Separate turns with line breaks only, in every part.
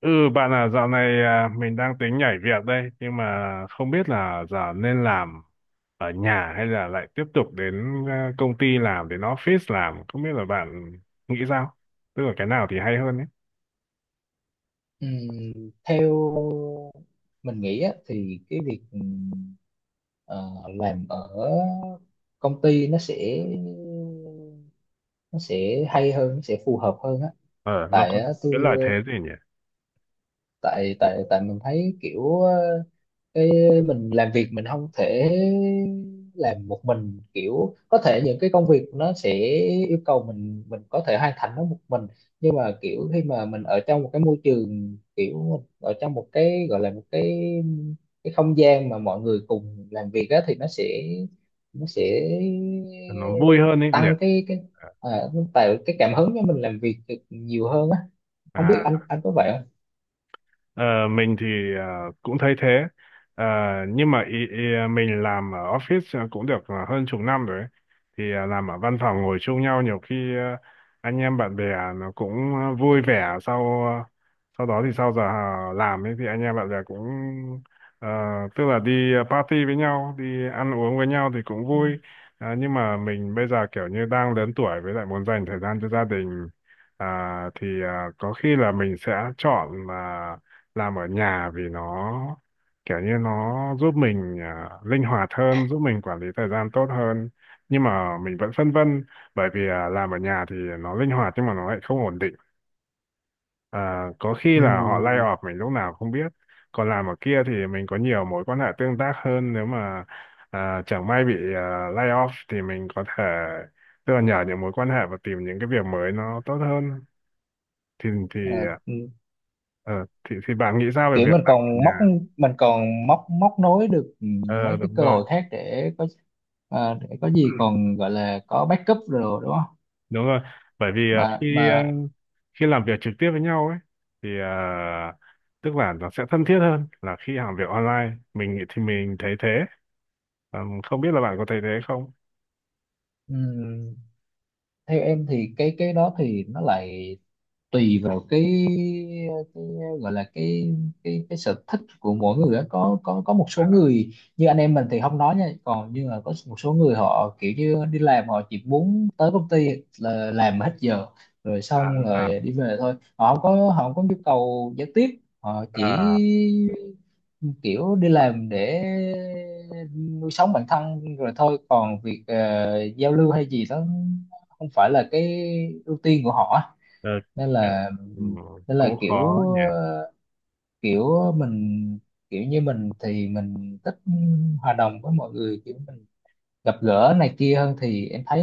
Ừ Bạn dạo này, à, mình đang tính nhảy việc đây, nhưng mà không biết là giờ nên làm ở nhà hay là lại tiếp tục đến công ty làm, đến office làm, không biết là bạn nghĩ sao, tức là cái nào thì hay hơn ấy?
Ừm, theo mình nghĩ á, thì cái việc ờ, làm ở công ty nó sẽ hay hơn, nó sẽ phù hợp hơn á.
Ờ, nó
Tại
có
á,
cái
tôi
lợi thế gì nhỉ?
tại tại tại mình thấy kiểu cái mình làm việc mình không thể làm một mình, kiểu có thể những cái công việc nó sẽ yêu cầu mình có thể hoàn thành nó một mình, nhưng mà kiểu khi mà mình ở trong một cái môi trường, kiểu mình ở trong một cái gọi là một cái không gian mà mọi người cùng làm việc á, thì nó sẽ
Nó vui hơn ấy nhỉ?
tăng cái à, tạo cái cảm hứng cho mình làm việc được nhiều hơn á. Không biết anh
À,
anh có vậy
Ờ, mình thì cũng thấy thế. Ờ, nhưng mà ý, ý, ờ, mình làm ở office cũng được hơn chục năm rồi ấy. Thì làm ở văn phòng ngồi chung nhau, nhiều khi anh em bạn bè nó cũng vui vẻ. Sau sau đó thì sau giờ làm ấy, thì anh em bạn bè cũng ờ, tức là đi party với nhau, đi ăn uống với nhau thì cũng vui.
không?
Ờ, nhưng mà mình bây giờ kiểu như đang lớn tuổi, với lại muốn dành thời gian cho gia đình. À, thì có khi là mình sẽ chọn làm ở nhà, vì nó kiểu như nó giúp mình linh hoạt hơn, giúp mình quản lý thời gian tốt hơn. Nhưng mà mình vẫn phân vân, bởi vì làm ở nhà thì nó linh hoạt, nhưng mà nó lại không ổn định. À, có khi
Ừ,
là họ lay off mình lúc nào không biết. Còn làm ở kia thì mình có nhiều mối quan hệ tương tác hơn, nếu mà chẳng may bị lay off thì mình có thể tức là nhờ những mối quan hệ và tìm những cái việc mới nó tốt hơn. Thì
à,
à,
ừ,
thì bạn nghĩ sao về
kiểu
việc
mình
làm ở
còn
nhà?
móc, mình còn móc móc nối được
Ờ,
mấy cái
đúng
cơ
rồi.
hội khác để có, để có
Ừ,
gì còn gọi là có backup rồi đúng không?
đúng rồi. Bởi vì
mà
khi
mà
khi làm việc trực tiếp với nhau ấy thì tức là nó sẽ thân thiết hơn là khi làm việc online, thì mình thấy thế. Ờ, không biết là bạn có thấy thế không?
ừ, Theo em thì cái đó thì nó lại tùy vào cái gọi là cái cái sở thích của mỗi người đó. Có có một số
À,
người như anh em mình thì không nói nha, còn nhưng mà có một số người họ kiểu như đi làm họ chỉ muốn tới công ty là làm hết giờ rồi
à,
xong
à,
rồi đi về thôi. Họ không có nhu cầu giao tiếp. Họ chỉ
à,
kiểu đi làm để nuôi sống bản thân rồi thôi, còn việc giao lưu hay gì đó không phải là cái ưu tiên của họ á.
ờ,
nên
kiểu,
là
ừ,
nên
cũng
là kiểu
khó nhỉ.
ờ, kiểu mình, kiểu như mình thì mình thích hòa đồng với mọi người, kiểu mình gặp gỡ này kia hơn, thì em thấy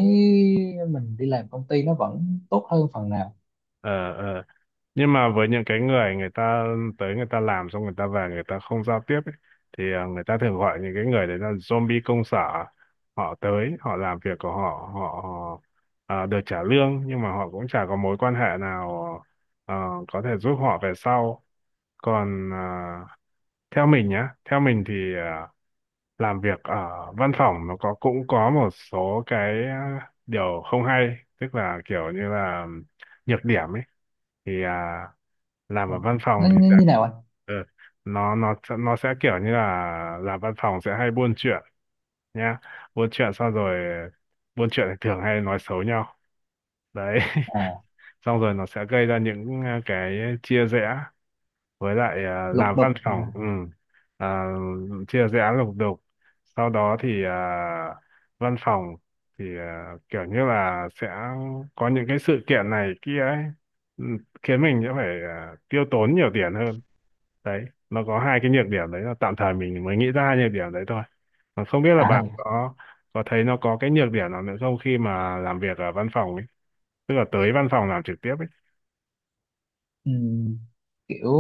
mình đi làm công ty nó vẫn tốt hơn phần nào.
Ờ, ờ, nhưng mà với những cái người người ta tới, người ta làm xong, người ta về, người ta không giao tiếp ấy, thì người ta thường gọi những cái người đấy là zombie công sở. Họ tới, họ làm việc của họ, họ ờ, được trả lương, nhưng mà họ cũng chả có mối quan hệ nào ờ, có thể giúp họ về sau. Còn theo mình nhá, theo mình thì làm việc ở văn phòng nó có, cũng có một số cái điều không hay, tức là kiểu như là nhược điểm ấy. Thì làm ở văn
Nó
phòng thì
như
sẽ
như nào anh?
ờ, nó sẽ kiểu như là làm văn phòng sẽ hay buôn chuyện nhá. Buôn chuyện xong rồi buôn chuyện thì thường hay nói xấu nhau đấy
À,
xong rồi nó sẽ gây ra những cái chia rẽ. Với lại
lục
làm văn
đục.
phòng ừ, à, chia dự án lục đục. Sau đó thì văn phòng thì kiểu như là sẽ có những cái sự kiện này kia ấy, ừ, khiến mình sẽ phải tiêu tốn nhiều tiền hơn. Đấy, nó có hai cái nhược điểm đấy, là tạm thời mình mới nghĩ ra hai nhược điểm đấy thôi, mà không biết là
à,
bạn có thấy nó có cái nhược điểm nào nữa không, khi mà làm việc ở văn phòng ấy, tức là tới văn phòng làm trực tiếp ấy?
ừm, Kiểu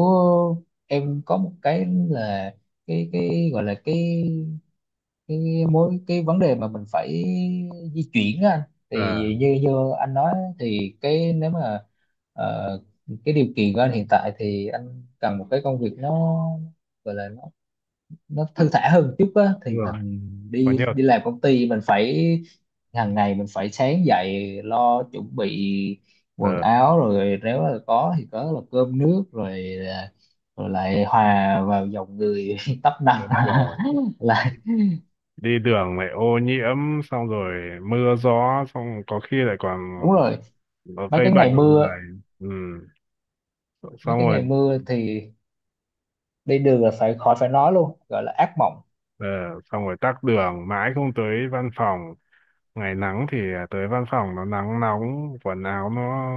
em có một cái là cái gọi là cái mối, cái vấn đề mà mình phải di chuyển á anh. Thì
À,
như như anh nói, thì cái nếu mà ờ, cái điều kiện của anh hiện tại thì anh cần một cái công việc nó gọi là nó thư thả hơn một chút á,
đúng
thì
rồi.
mình
Có
đi
nhiều.
đi làm công ty mình phải, hàng ngày mình phải sáng dậy lo chuẩn bị quần
Ờ,
áo, rồi nếu là có thì có là cơm nước, rồi rồi lại hòa vào dòng người tấp nập
đúng rồi.
là.
Đi đường lại ô nhiễm, xong rồi mưa gió, xong có khi lại còn
Đúng rồi,
có
mấy
gây
cái
bệnh
ngày
vào
mưa,
người. Ừ.
mấy
Xong
cái
rồi
ngày mưa thì đi đường là phải khỏi phải nói luôn, gọi là ác mộng.
ờ, xong rồi tắc đường mãi không tới văn phòng. Ngày nắng thì tới văn phòng nó nắng nóng, quần áo nó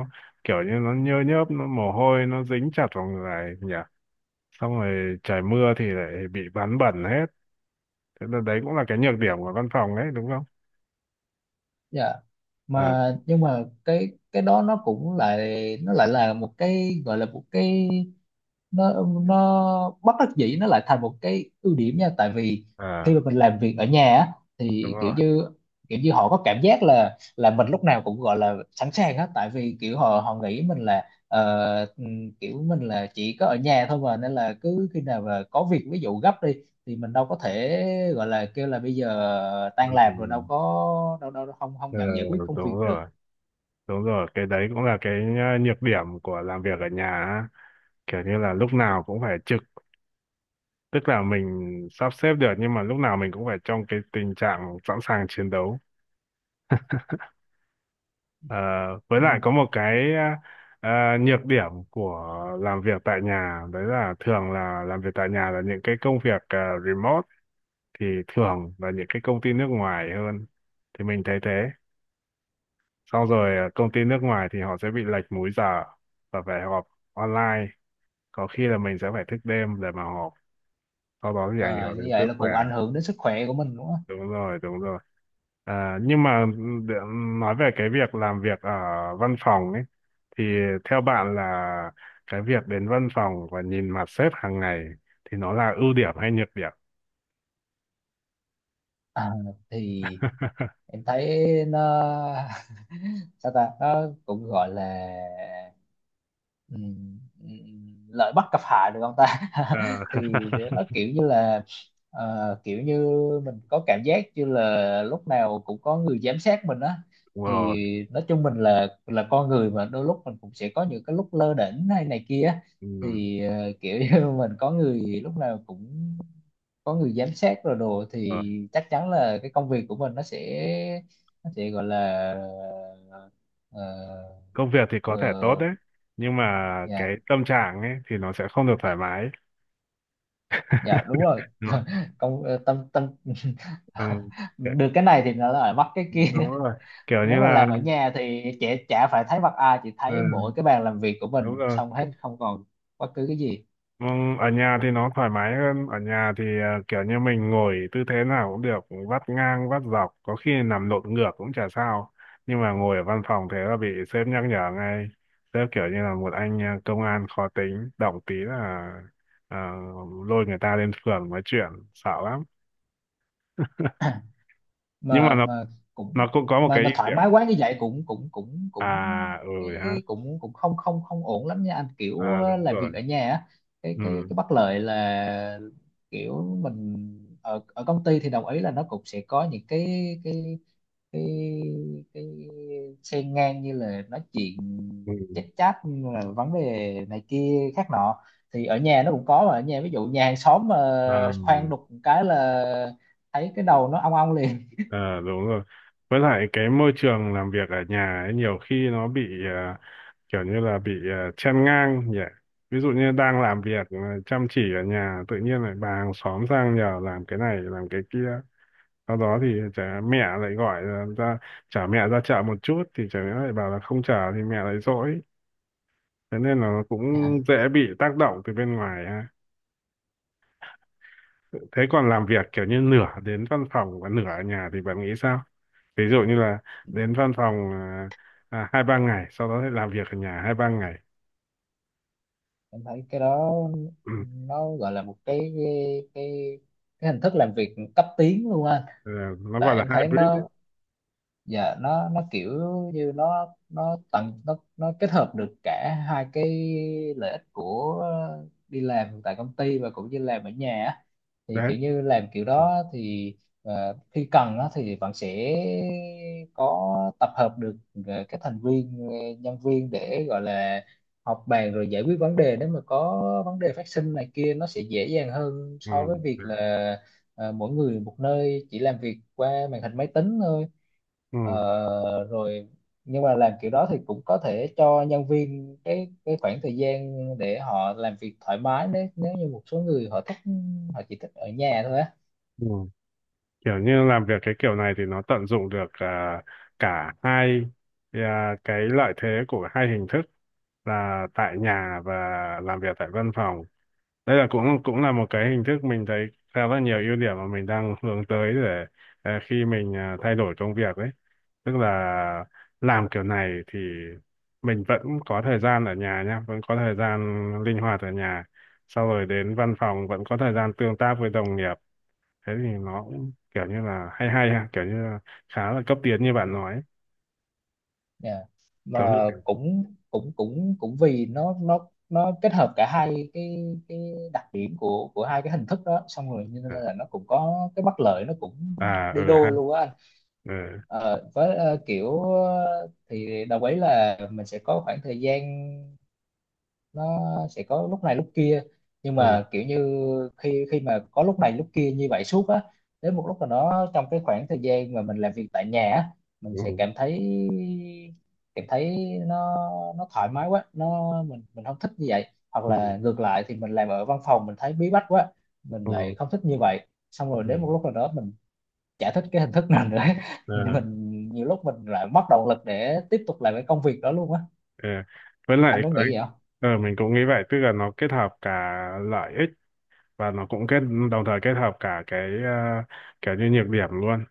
kiểu như nó nhơ nhớp, nó mồ hôi, nó dính chặt vào người nhỉ. Xong rồi trời mưa thì lại bị ván bẩn hết. Thế là đấy cũng là cái nhược điểm của văn phòng đấy, đúng không?
Dạ.
À,
Mà nhưng mà cái đó nó cũng lại, nó lại là một cái gọi là một cái, nó nó bất đắc dĩ nó lại thành một cái ưu điểm nha, tại vì khi mà
à,
mình làm việc ở nhà á,
đúng
thì kiểu
rồi.
như, kiểu như họ có cảm giác là mình lúc nào cũng gọi là sẵn sàng hết. Tại vì kiểu họ họ nghĩ mình là kiểu mình là chỉ có ở nhà thôi mà, nên là cứ khi nào mà có việc ví dụ gấp đi thì mình đâu có thể gọi là kêu là bây giờ
Ừ.
tan
Ừ.
làm rồi đâu có, đâu đâu, không không
Ờ,
nhận giải quyết công việc
đúng
được.
rồi. Đúng rồi, cái đấy cũng là cái nhược điểm của làm việc ở nhà á. Kiểu như là lúc nào cũng phải trực, tức là mình sắp xếp được nhưng mà lúc nào mình cũng phải trong cái tình trạng sẵn sàng chiến đấu. Ờ, với
Ừ.
lại có một cái nhược điểm của làm việc tại nhà, đấy là thường là làm việc tại nhà là những cái công việc remote, thì thường là những cái công ty nước ngoài hơn. Thì mình thấy thế. Xong rồi công ty nước ngoài thì họ sẽ bị lệch múi giờ và phải họp online, có khi là mình sẽ phải thức đêm để mà họp, sau đó thì ảnh
Ờ,
hưởng
như
đến
vậy
sức
là
khỏe.
cũng ảnh hưởng đến sức khỏe của mình đúng không?
Đúng rồi, đúng rồi. À, nhưng mà để nói về cái việc làm việc ở văn phòng ấy, thì theo bạn là cái việc đến văn phòng và nhìn mặt sếp hàng ngày thì nó là ưu điểm hay nhược điểm?
À, thì em thấy nó sao ta, nó cũng gọi là lợi bất cập hại được không ta
Ờ,
thì nó kiểu như là kiểu như mình có cảm giác như là lúc nào cũng có người giám sát mình á.
đúng rồi.
Thì nói chung mình là con người mà, đôi lúc mình cũng sẽ có những cái lúc lơ đễnh hay này kia á.
Ừ,
Thì kiểu như mình có người lúc nào cũng có người giám sát rồi đồ,
đúng rồi.
thì chắc chắn là cái công việc của mình nó sẽ gọi là ờ,
Công việc thì có thể tốt
ờ,
đấy, nhưng mà cái
dạ
tâm trạng ấy thì nó sẽ không được thoải mái
dạ đúng rồi
Đúng rồi.
Tâm tâm
Ừ. Kiểu-.
được cái này thì nó lại mất cái kia
Đúng rồi. Kiểu
nếu
như
mà
là
làm ở nhà thì trẻ chả phải thấy mặt ai, chỉ thấy
ừ,
mỗi cái bàn làm việc của
đúng
mình
rồi.
xong hết, không còn bất cứ cái gì.
Ừ, ở nhà thì nó thoải mái hơn. Ở nhà thì kiểu như mình ngồi tư thế nào cũng được, vắt ngang vắt dọc, có khi nằm lộn ngược cũng chả sao. Nhưng mà ngồi ở văn phòng thế là bị sếp nhắc nhở ngay. Sếp kiểu như là một anh công an khó tính, động tí là à, lôi người ta lên phường nói chuyện, sợ lắm. Nhưng mà
mà mà cũng
nó cũng có một
mà
cái
mà
ưu
thoải
điểm.
mái quá như vậy cũng cũng
À ừ
cái-
ha.
cũng cũng không không không ổn lắm nha anh, kiểu
À, đúng
làm
rồi.
việc ở nhà á, cái cái
Ừ,
cái bất lợi là kiểu mình, ở ở công ty thì đồng ý là nó cũng sẽ có những cái cái cái cái xen ngang như là nói chuyện, chát chát như là vấn đề này kia khác nọ. Thì ở nhà nó cũng có, mà ở nhà ví dụ nhà hàng xóm mà khoan
ừ.
đục một cái là thấy cái đầu nó ong ong liền.
Ờ, đúng rồi. Với lại cái môi trường làm việc ở nhà ấy, nhiều khi nó bị kiểu như là bị chen ngang nhỉ. Ví dụ như đang làm việc chăm chỉ ở nhà, tự nhiên lại bà hàng xóm sang nhờ làm cái này, làm cái kia. Sau đó thì chả mẹ lại gọi là ra, chả mẹ ra chợ một chút thì chả mẹ lại bảo là không chở thì mẹ lại dỗi. Thế nên là nó cũng
Dạ.
dễ bị tác động từ bên ngoài ha. Thế còn làm việc kiểu như nửa đến văn phòng và nửa ở nhà thì bạn nghĩ sao? Ví dụ như là đến văn phòng hai ba ngày, sau đó thì làm việc ở nhà hai ba ngày.
Em thấy cái đó
Ừ.
nó gọi là một cái cái cái hình thức làm việc cấp tiến luôn á.
Ờ, nó gọi
Tại
là
em thấy
hybrid ấy.
nó dạ nó kiểu như nó tận, nó kết hợp được cả hai cái lợi ích của đi làm tại công ty và cũng như làm ở nhà á. Thì
Đấy.
kiểu như làm kiểu đó thì khi cần á, thì bạn sẽ có tập hợp được các thành viên, nhân viên để gọi là họp bàn rồi giải quyết vấn đề, nếu mà có vấn đề phát sinh này kia nó sẽ dễ dàng hơn
Ừ.
so với việc
Đấy.
là mỗi người một nơi chỉ làm việc qua màn hình máy tính thôi.
Ừ.
Ờ, Rồi nhưng mà làm kiểu đó thì cũng có thể cho nhân viên cái khoảng thời gian để họ làm việc thoải mái, nếu nếu như một số người họ thích, họ chỉ thích ở nhà thôi á.
Ừ. Kiểu như làm việc cái kiểu này thì nó tận dụng được cả hai cái lợi thế của hai hình thức, là tại nhà và làm việc tại văn phòng. Đây là cũng cũng là một cái hình thức mình thấy khá là nhiều ưu điểm mà mình đang hướng tới, để khi mình thay đổi công việc ấy, tức là làm kiểu này thì mình vẫn có thời gian ở nhà nhá, vẫn có thời gian linh hoạt ở nhà, sau rồi đến văn phòng vẫn có thời gian tương tác với đồng nghiệp. Thế thì nó cũng kiểu như là hay hay ha, kiểu như là khá là cấp tiến như bạn nói ấy.
Dạ. Mà
Giống như kiểu
cũng cũng cũng cũng vì nó kết hợp cả hai cái đặc điểm của hai cái hình thức đó xong rồi, cho nên
à,
là nó cũng có cái bất lợi, nó cũng
à
đi
ừ ha.
đôi luôn á anh.
Ừ,
Ờ, với kiểu thì đồng ý là mình sẽ có khoảng thời gian, nó sẽ có lúc này lúc kia, nhưng
ừ,
mà kiểu như khi khi mà có lúc này lúc kia như vậy suốt á, đến một lúc nào đó trong cái khoảng thời gian mà mình làm việc tại nhà á, mình sẽ
ừ,
cảm thấy, cảm thấy nó nó thoải mái quá, nó mình không thích như vậy. Hoặc
ừ,
là ngược lại thì mình làm ở văn phòng mình thấy bí bách quá, mình lại
ừ,
không thích như vậy. Xong rồi đến một lúc
ừ.
nào đó mình chả thích cái hình thức nào nữa
Ờ,
mình nhiều lúc mình lại mất động lực để tiếp tục làm cái công việc đó luôn á.
ờ. với lại
Anh có
cái-
nghĩ vậy không?
ờ, mình cũng nghĩ vậy, tức là nó kết hợp cả lợi ích, và nó cũng kết đồng thời kết hợp cả cái kiểu như nhược điểm luôn.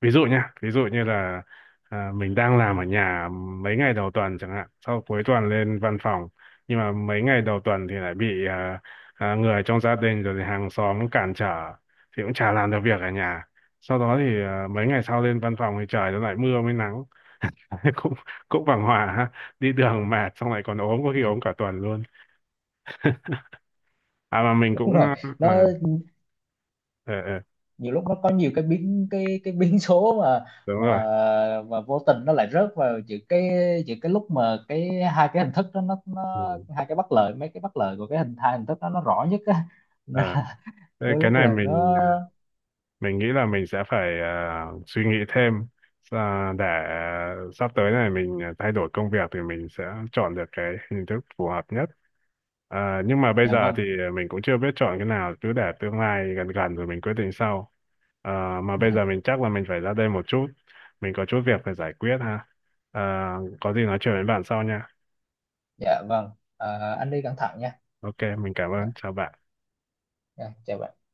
Ví dụ nha, ví dụ như là mình đang làm ở nhà mấy ngày đầu tuần chẳng hạn, sau cuối tuần lên văn phòng, nhưng mà mấy ngày đầu tuần thì lại bị người trong gia đình rồi thì hàng xóm cản trở, thì cũng chả làm được việc ở nhà. Sau đó thì mấy ngày sau lên văn phòng thì trời nó lại mưa mới nắng cũng cũng bằng hòa ha, đi đường mệt, xong lại còn ốm, có khi
Dạ,
ốm cả tuần luôn. À, mà mình cũng
đúng rồi,
ờ, ờ,
nó
ờ, ờ,
nhiều lúc nó có nhiều cái biến, cái biến số mà,
đúng
mà
rồi.
mà vô tình nó lại rớt vào giữa cái, giữa cái lúc mà cái hai cái hình thức đó nó
Ừ.
hai cái bất lợi, mấy cái bất lợi của cái hình, hai hình thức đó nó rõ nhất á Nên
Ờ,
là
thế
đôi
cái
lúc
này
là nó
mình nghĩ là mình sẽ phải suy nghĩ thêm, để sắp tới này mình thay đổi công việc thì mình sẽ chọn được cái hình thức phù hợp nhất. À, nhưng mà bây
dạ
giờ
vâng,
thì mình cũng chưa biết chọn cái nào, cứ để tương lai gần gần rồi mình quyết định sau. À, mà bây giờ
dạ,
mình chắc là mình phải ra đây một chút, mình có chút việc phải giải quyết ha. À, có gì nói chuyện với bạn sau nha.
dạ vâng. Ờ, anh đi cẩn thận nha.
Ok, mình cảm
Dạ,
ơn, chào bạn.
dạ, chào bạn.